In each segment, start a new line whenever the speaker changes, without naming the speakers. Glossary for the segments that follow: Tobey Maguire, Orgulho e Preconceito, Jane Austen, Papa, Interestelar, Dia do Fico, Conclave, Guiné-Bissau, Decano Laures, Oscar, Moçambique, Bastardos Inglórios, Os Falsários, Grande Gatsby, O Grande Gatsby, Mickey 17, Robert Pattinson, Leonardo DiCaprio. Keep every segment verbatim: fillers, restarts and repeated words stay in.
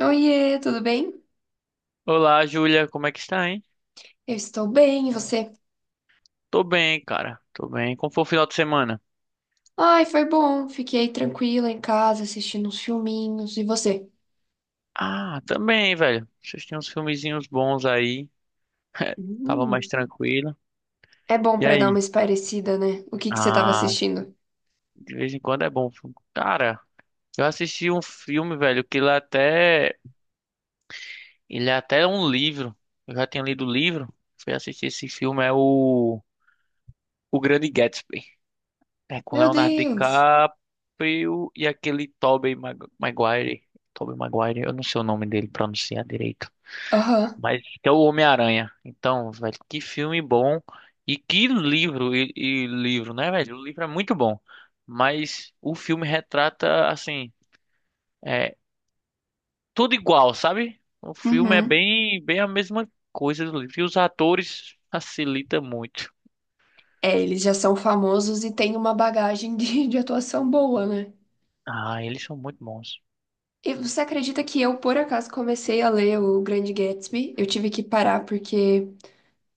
Oiê, tudo bem?
Olá, Júlia, como é que está, hein?
Eu estou bem, e você?
Tô bem, cara. Tô bem. Como foi o final de semana?
Ai, foi bom. Fiquei tranquila em casa assistindo uns filminhos. E você?
Ah, também, velho. Vocês tinham uns filmezinhos bons aí. Tava mais
Hum,
tranquilo.
é bom
E
pra dar uma
aí?
espairecida, né? O que que você estava
Ah,
assistindo?
de vez em quando é bom. Filme. Cara, eu assisti um filme, velho, que ele até. Ele é até um livro. Eu já tinha lido o livro. Fui assistir esse filme, é o. O Grande Gatsby. É com
Meu
Leonardo
Deus!
DiCaprio e aquele Tobey Mag- Maguire. Tobey Maguire, eu não sei o nome dele pronunciar direito.
Aham,
Mas que é o Homem-Aranha. Então, velho, que filme bom. E que livro, e, e livro, né, velho? O livro é muito bom. Mas o filme retrata, assim, é tudo igual, sabe? O filme é
uhum.
bem, bem a mesma coisa do livro. E os atores facilita muito.
É, eles já são famosos e têm uma bagagem de, de atuação boa, né?
Ah, eles são muito bons.
E você acredita que eu, por acaso, comecei a ler o Grande Gatsby? Eu tive que parar porque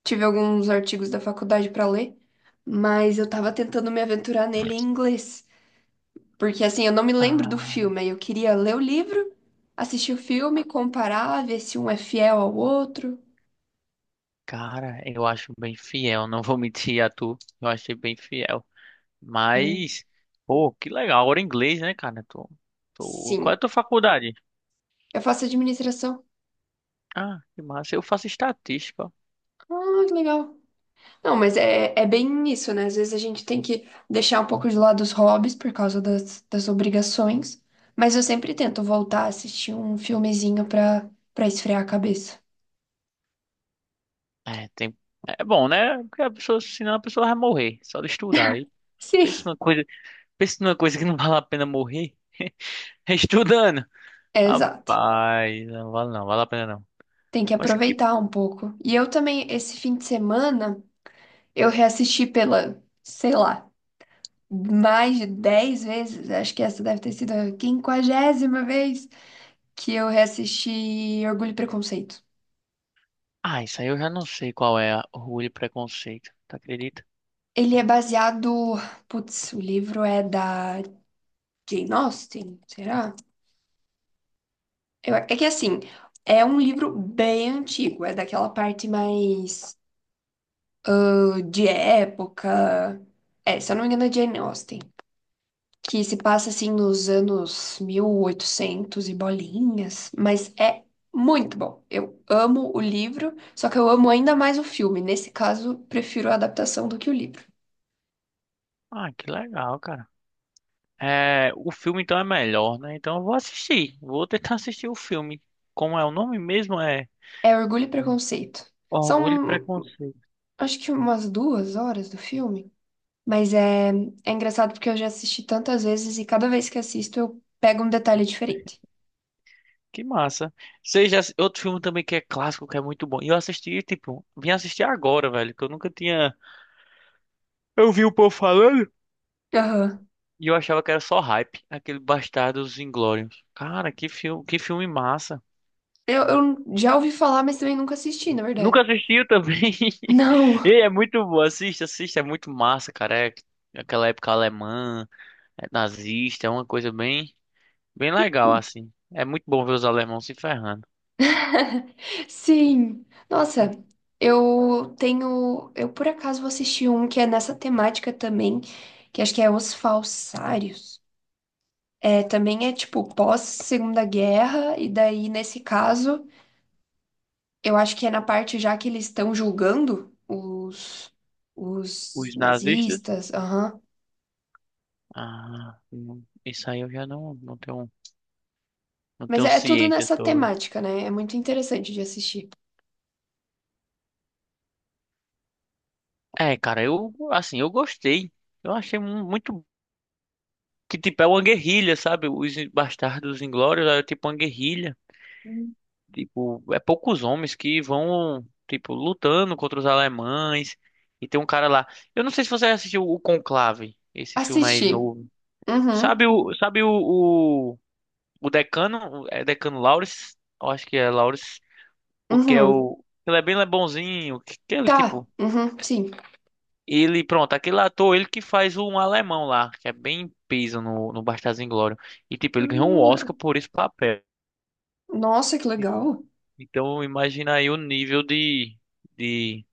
tive alguns artigos da faculdade pra ler, mas eu tava tentando me aventurar nele em inglês. Porque assim, eu não me lembro do
Ah,
filme, aí eu queria ler o livro, assistir o filme, comparar, ver se um é fiel ao outro.
cara, eu acho bem fiel. Não vou mentir a tu. Eu achei bem fiel.
É.
Mas, pô, que legal. Agora em inglês, né, cara? Tô, tô... Qual é a
Sim,
tua faculdade?
eu faço administração.
Ah, que massa. Eu faço estatística.
Ah, que legal. Não, mas é, é bem isso, né? Às vezes a gente tem que deixar um pouco de lado os hobbies por causa das, das obrigações, mas eu sempre tento voltar a assistir um filmezinho pra, pra esfriar a cabeça.
É, tem... É bom, né? Porque a pessoa, senão a pessoa vai morrer, só de estudar. Aí pensa
Sim.
numa coisa, pensa numa coisa que não vale a pena morrer. Estudando.
É, exato.
Rapaz, não vale não, vale a pena não.
Tem que
Mas que.
aproveitar um pouco. E eu também, esse fim de semana, eu reassisti pela, sei lá, mais de dez vezes, acho que essa deve ter sido a quinquagésima vez que eu reassisti Orgulho e Preconceito.
Ah, isso aí eu já não sei qual é a- o orgulho e preconceito. Tu acredita?
Ele é baseado. Putz, o livro é da Jane Austen, será? Eu- é que assim, é um livro bem antigo, é daquela parte mais uh, de época. É, se eu não me engano, é Jane Austen, que se passa assim nos anos mil e oitocentos e bolinhas, mas é muito bom. Eu amo o livro, só que eu amo ainda mais o filme. Nesse caso, prefiro a adaptação do que o livro.
Ah, que legal, cara. É, o filme então é melhor, né? Então eu vou assistir. Vou tentar assistir o filme. Como é o nome mesmo? É
É Orgulho e Preconceito.
Orgulho e
São,
Preconceito.
acho que umas duas horas do filme, mas é, é engraçado porque eu já assisti tantas vezes e cada vez que assisto eu pego um detalhe diferente.
Que massa. Seja outro filme também que é clássico, que é muito bom. E eu assisti, tipo, vim assistir agora, velho, que eu nunca tinha. Eu vi o povo falando
Aham.
e eu achava que era só hype, aquele Bastardos Inglórios. Cara, que filme, que filme massa.
Eu, eu já ouvi falar, mas também nunca assisti, na
Nunca
verdade.
assistiu também.
Não.
E é muito bom, assista, assista, é muito massa, cara. É aquela época alemã, é nazista, é uma coisa bem, bem legal assim. É muito bom ver os alemãos se ferrando.
Sim. Nossa, eu tenho. Eu por acaso vou assistir um que é nessa temática também, que acho que é Os Falsários. É, também é tipo pós-Segunda Guerra, e daí, nesse caso, eu acho que é na parte já que eles estão julgando os, os
Os nazistas?
nazistas. Aham.
Ah, não. Isso aí eu já não, não tenho. Não
Mas
tenho
é, é tudo
ciência
nessa
sobre.
temática, né? É muito interessante de assistir.
É, cara, eu, assim, eu gostei. Eu achei mu- muito. Que tipo, é uma guerrilha, sabe? Os Bastardos Inglórios é tipo uma guerrilha.
Hum.
Tipo, é poucos homens que vão, tipo, lutando contra os alemães. E tem um cara lá. Eu não sei se você assistiu o Conclave, esse filme aí
Assisti.
novo.
Uhum.
Sabe o, sabe o, o, o Decano? É Decano Laures? Eu acho que é Laures. O que é
Uhum.
o. Ele é bem bonzinho. Que, que ele,
Tá.
tipo.
Uhum. Sim.
Ele, pronto, aquele ator, ele que faz um alemão lá, que é bem peso no, no Bastardos Inglórios. E, tipo, ele ganhou um Oscar por esse papel.
Nossa, que
E-
legal.
Então, imagina aí o nível de, de,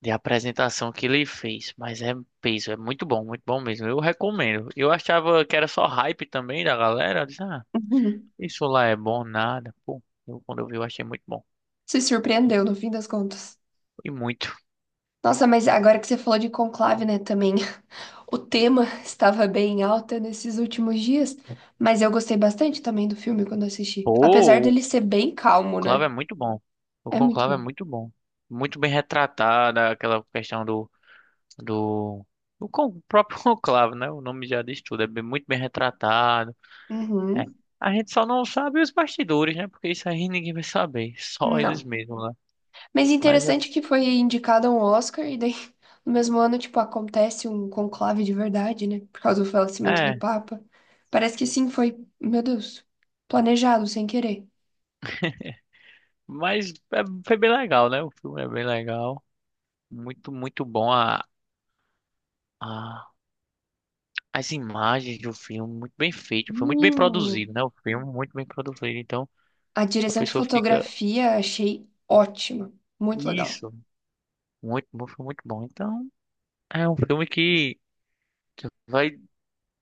de apresentação que ele fez. Mas é peso, é muito bom, muito bom mesmo. Eu recomendo. Eu achava que era só hype também da galera. Eu disse, ah,
Uhum.
isso lá é bom, nada. Pô, eu, quando eu vi, eu achei muito bom.
Se surpreendeu no fim das contas.
E muito.
Nossa, mas agora que você falou de conclave, né, também, o tema estava bem em alta nesses últimos dias, mas eu gostei bastante também do filme quando assisti. Apesar
Pô, o
dele ser bem calmo,
Conclave
né?
é muito bom. O
É muito
Conclave é
bom.
muito bom. Muito bem retratada aquela questão do do, do con- próprio conclave, né? O nome já diz tudo, é bem- muito bem retratado. É.
Uhum.
A gente só não sabe os bastidores, né? Porque isso aí ninguém vai saber, só eles
Não.
mesmos, né?
Mas
Mas
interessante que foi indicado a um Oscar e daí no mesmo ano, tipo, acontece um conclave de verdade, né? Por causa do falecimento
é,
do
é,
Papa. Parece que sim, foi, meu Deus, planejado sem querer.
mas é, foi bem legal, né? O filme é bem legal, muito, muito bom a, a- as imagens do filme, muito bem feito, foi muito bem
Hum.
produzido, né? O filme muito bem produzido, então
A
a
direção de
pessoa fica
fotografia achei ótima, muito legal.
isso, muito, bom, foi muito bom. Então é um filme que Vai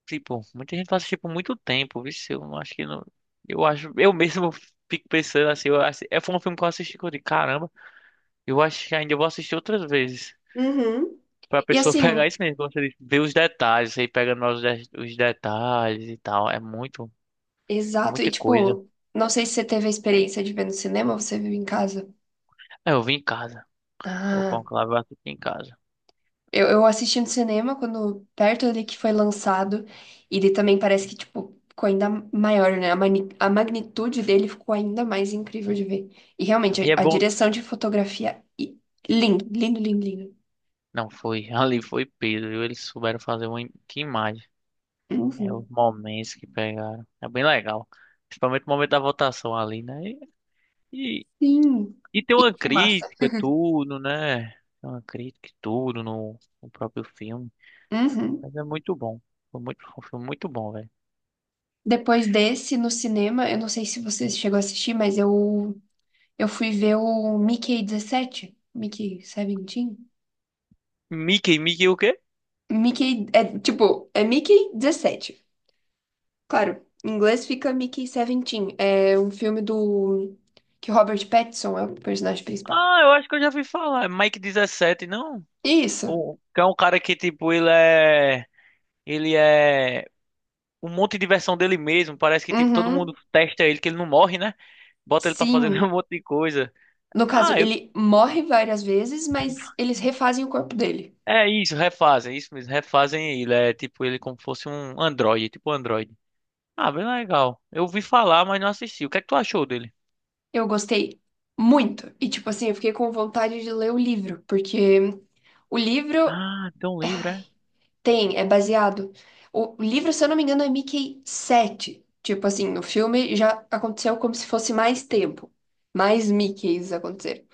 Tipo, muita gente faz isso, tipo muito tempo, viu? Eu não acho que não. Eu acho, eu mesmo fico pensando assim, eu acho, é foi um filme que eu assisti que eu digo, caramba, eu acho que ainda vou assistir outras vezes.
Uhum.
Pra
E
pessoa
assim,
pegar isso mesmo, como você disse, ver os detalhes, aí pegando os, de- os detalhes e tal. É muito, é
exato, e
muita coisa.
tipo, não sei se você teve a experiência de ver no cinema ou você viu em casa.
É, eu vi em casa. O
Ah,
Conclave eu assisti em casa.
eu, eu assisti no cinema quando perto ali que foi lançado, e ele também parece que, tipo, ficou ainda maior, né? A, mani- a magnitude dele ficou ainda mais incrível de ver. E
E
realmente,
é
a, a
bom.
direção de fotografia, e- lindo, lindo, lindo, lindo.
Não, foi. Ali foi Pedro, viu? Eles souberam fazer uma im- que imagem. É os
Uhum.
momentos que pegaram. É bem legal. Principalmente o momento da votação ali, né? E,
Sim.
E tem
E
uma
fumaça.
crítica, tudo, né? Tem Uma crítica, e tudo no, no próprio filme.
Uhum.
Mas é muito bom. Foi muito, foi um filme muito bom, velho.
Depois desse, no cinema, eu não sei se você chegou a assistir, mas eu, eu fui ver o Mickey dezessete. Mickey dezessete?
Mickey, Mickey o quê?
Mickey, é tipo, é Mickey dezessete. Claro, em inglês fica Mickey dezessete. É um filme do... que o Robert Pattinson é o personagem principal.
Ah, eu acho que eu já vi falar. É Mike dezessete, não?
Isso.
O, que é um cara que, tipo, ele é. Ele é. Um monte de versão dele mesmo. Parece que, tipo, todo
Uhum.
mundo testa ele, que ele não morre, né? Bota ele pra fazer um
Sim.
monte de coisa.
No caso,
Ah, eu.
ele morre várias vezes, mas eles refazem o corpo dele.
É isso, refazem, isso mesmo, refazem ele, é tipo ele como fosse um android tipo android. Ah, bem legal. Eu ouvi falar, mas não assisti. O que é que tu achou dele?
Eu gostei muito. E, tipo assim, eu fiquei com vontade de ler o livro, porque o livro
Ah, tão livre, é?
tem, é baseado. O livro, se eu não me engano, é Mickey sete. Tipo assim, no filme já aconteceu como se fosse mais tempo. Mais Mickeys aconteceram.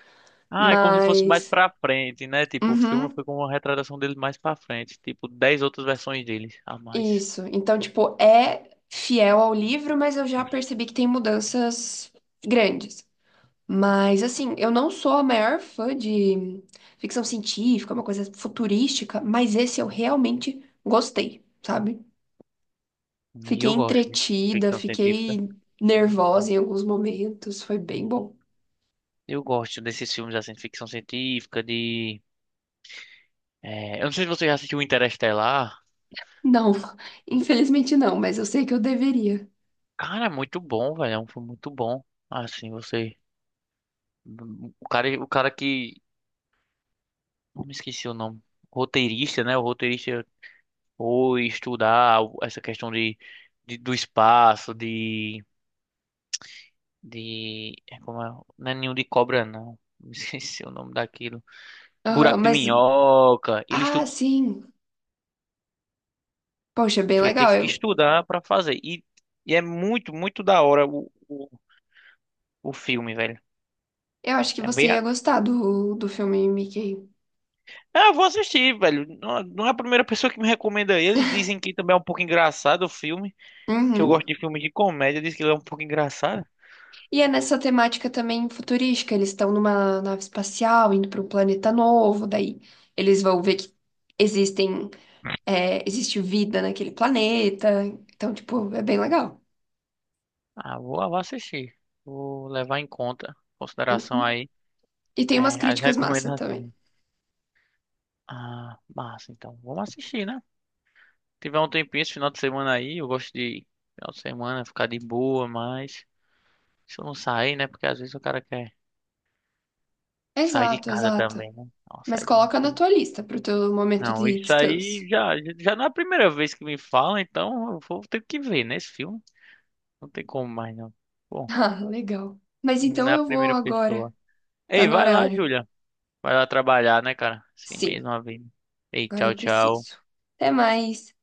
Ah, é como se fosse mais
Mas.
pra frente, né? Tipo, o filme
Uhum,
foi com uma retratação dele mais pra frente. Tipo, dez outras versões dele a mais.
isso. Então, tipo, é fiel ao livro, mas eu já percebi que tem mudanças grandes. Mas, assim, eu não sou a maior fã de ficção científica, uma coisa futurística, mas esse eu realmente gostei, sabe?
E
Fiquei
eu gosto de
entretida,
ficção científica.
fiquei nervosa em alguns momentos, foi bem bom.
Eu gosto desses filmes assim, de ficção científica, de. é, Eu não sei se você já assistiu Interestelar.
Não, infelizmente não, mas eu sei que eu deveria.
Cara, é muito bom, velho. É um filme muito bom. Assim, você. O cara, o cara que. Eu me esqueci o nome. Roteirista, né? O roteirista ou estudar essa questão de, de- do espaço, de, de é como é? Não é ninho de cobra, não. Me esqueci o nome daquilo.
Aham,
Buraco de
mas,
minhoca. Ele
ah,
estu-
sim, poxa, bem legal.
teve que
Eu,
estudar para fazer. E, e é muito, muito da hora o, o, o filme, velho.
eu acho que
É bem.
você ia
A-
gostar do, do filme Mickey.
Ah, eu vou assistir, velho. Não, não é a primeira pessoa que me recomenda ele. Dizem que também é um pouco engraçado o filme. Que eu gosto
Uhum.
de filmes de comédia. Diz que ele é um pouco engraçado.
E é nessa temática também futurística, eles estão numa nave espacial, indo para um planeta novo, daí eles vão ver que existem, é, existe vida naquele planeta, então, tipo, é bem legal.
Ah, vou, vou assistir. Vou levar em conta, em consideração
Uhum.
aí,
E tem umas
é, as
críticas massa também.
recomendações. Ah, massa, então. Vamos assistir, né? Tiver um tempinho esse final de semana aí, eu gosto de final de semana ficar de boa, mas se eu não sair, né? Porque às vezes o cara quer sair de
Exato,
casa
exato.
também, né? Não,
Mas
sair de...
coloca na tua lista pro teu momento
Não,
de
isso
descanso.
aí já, já não é a primeira vez que me falam, então eu vou ter que ver, né? Esse filme. Não tem como mais, não. Bom,
Ah, legal. Mas então
na
eu vou
primeira
agora.
pessoa.
Tá
Ei,
no
vai lá,
horário.
Julia. Vai lá trabalhar, né, cara? Assim
Sim,
mesmo, a vida. Ei,
agora
tchau,
eu
tchau.
preciso. Até mais.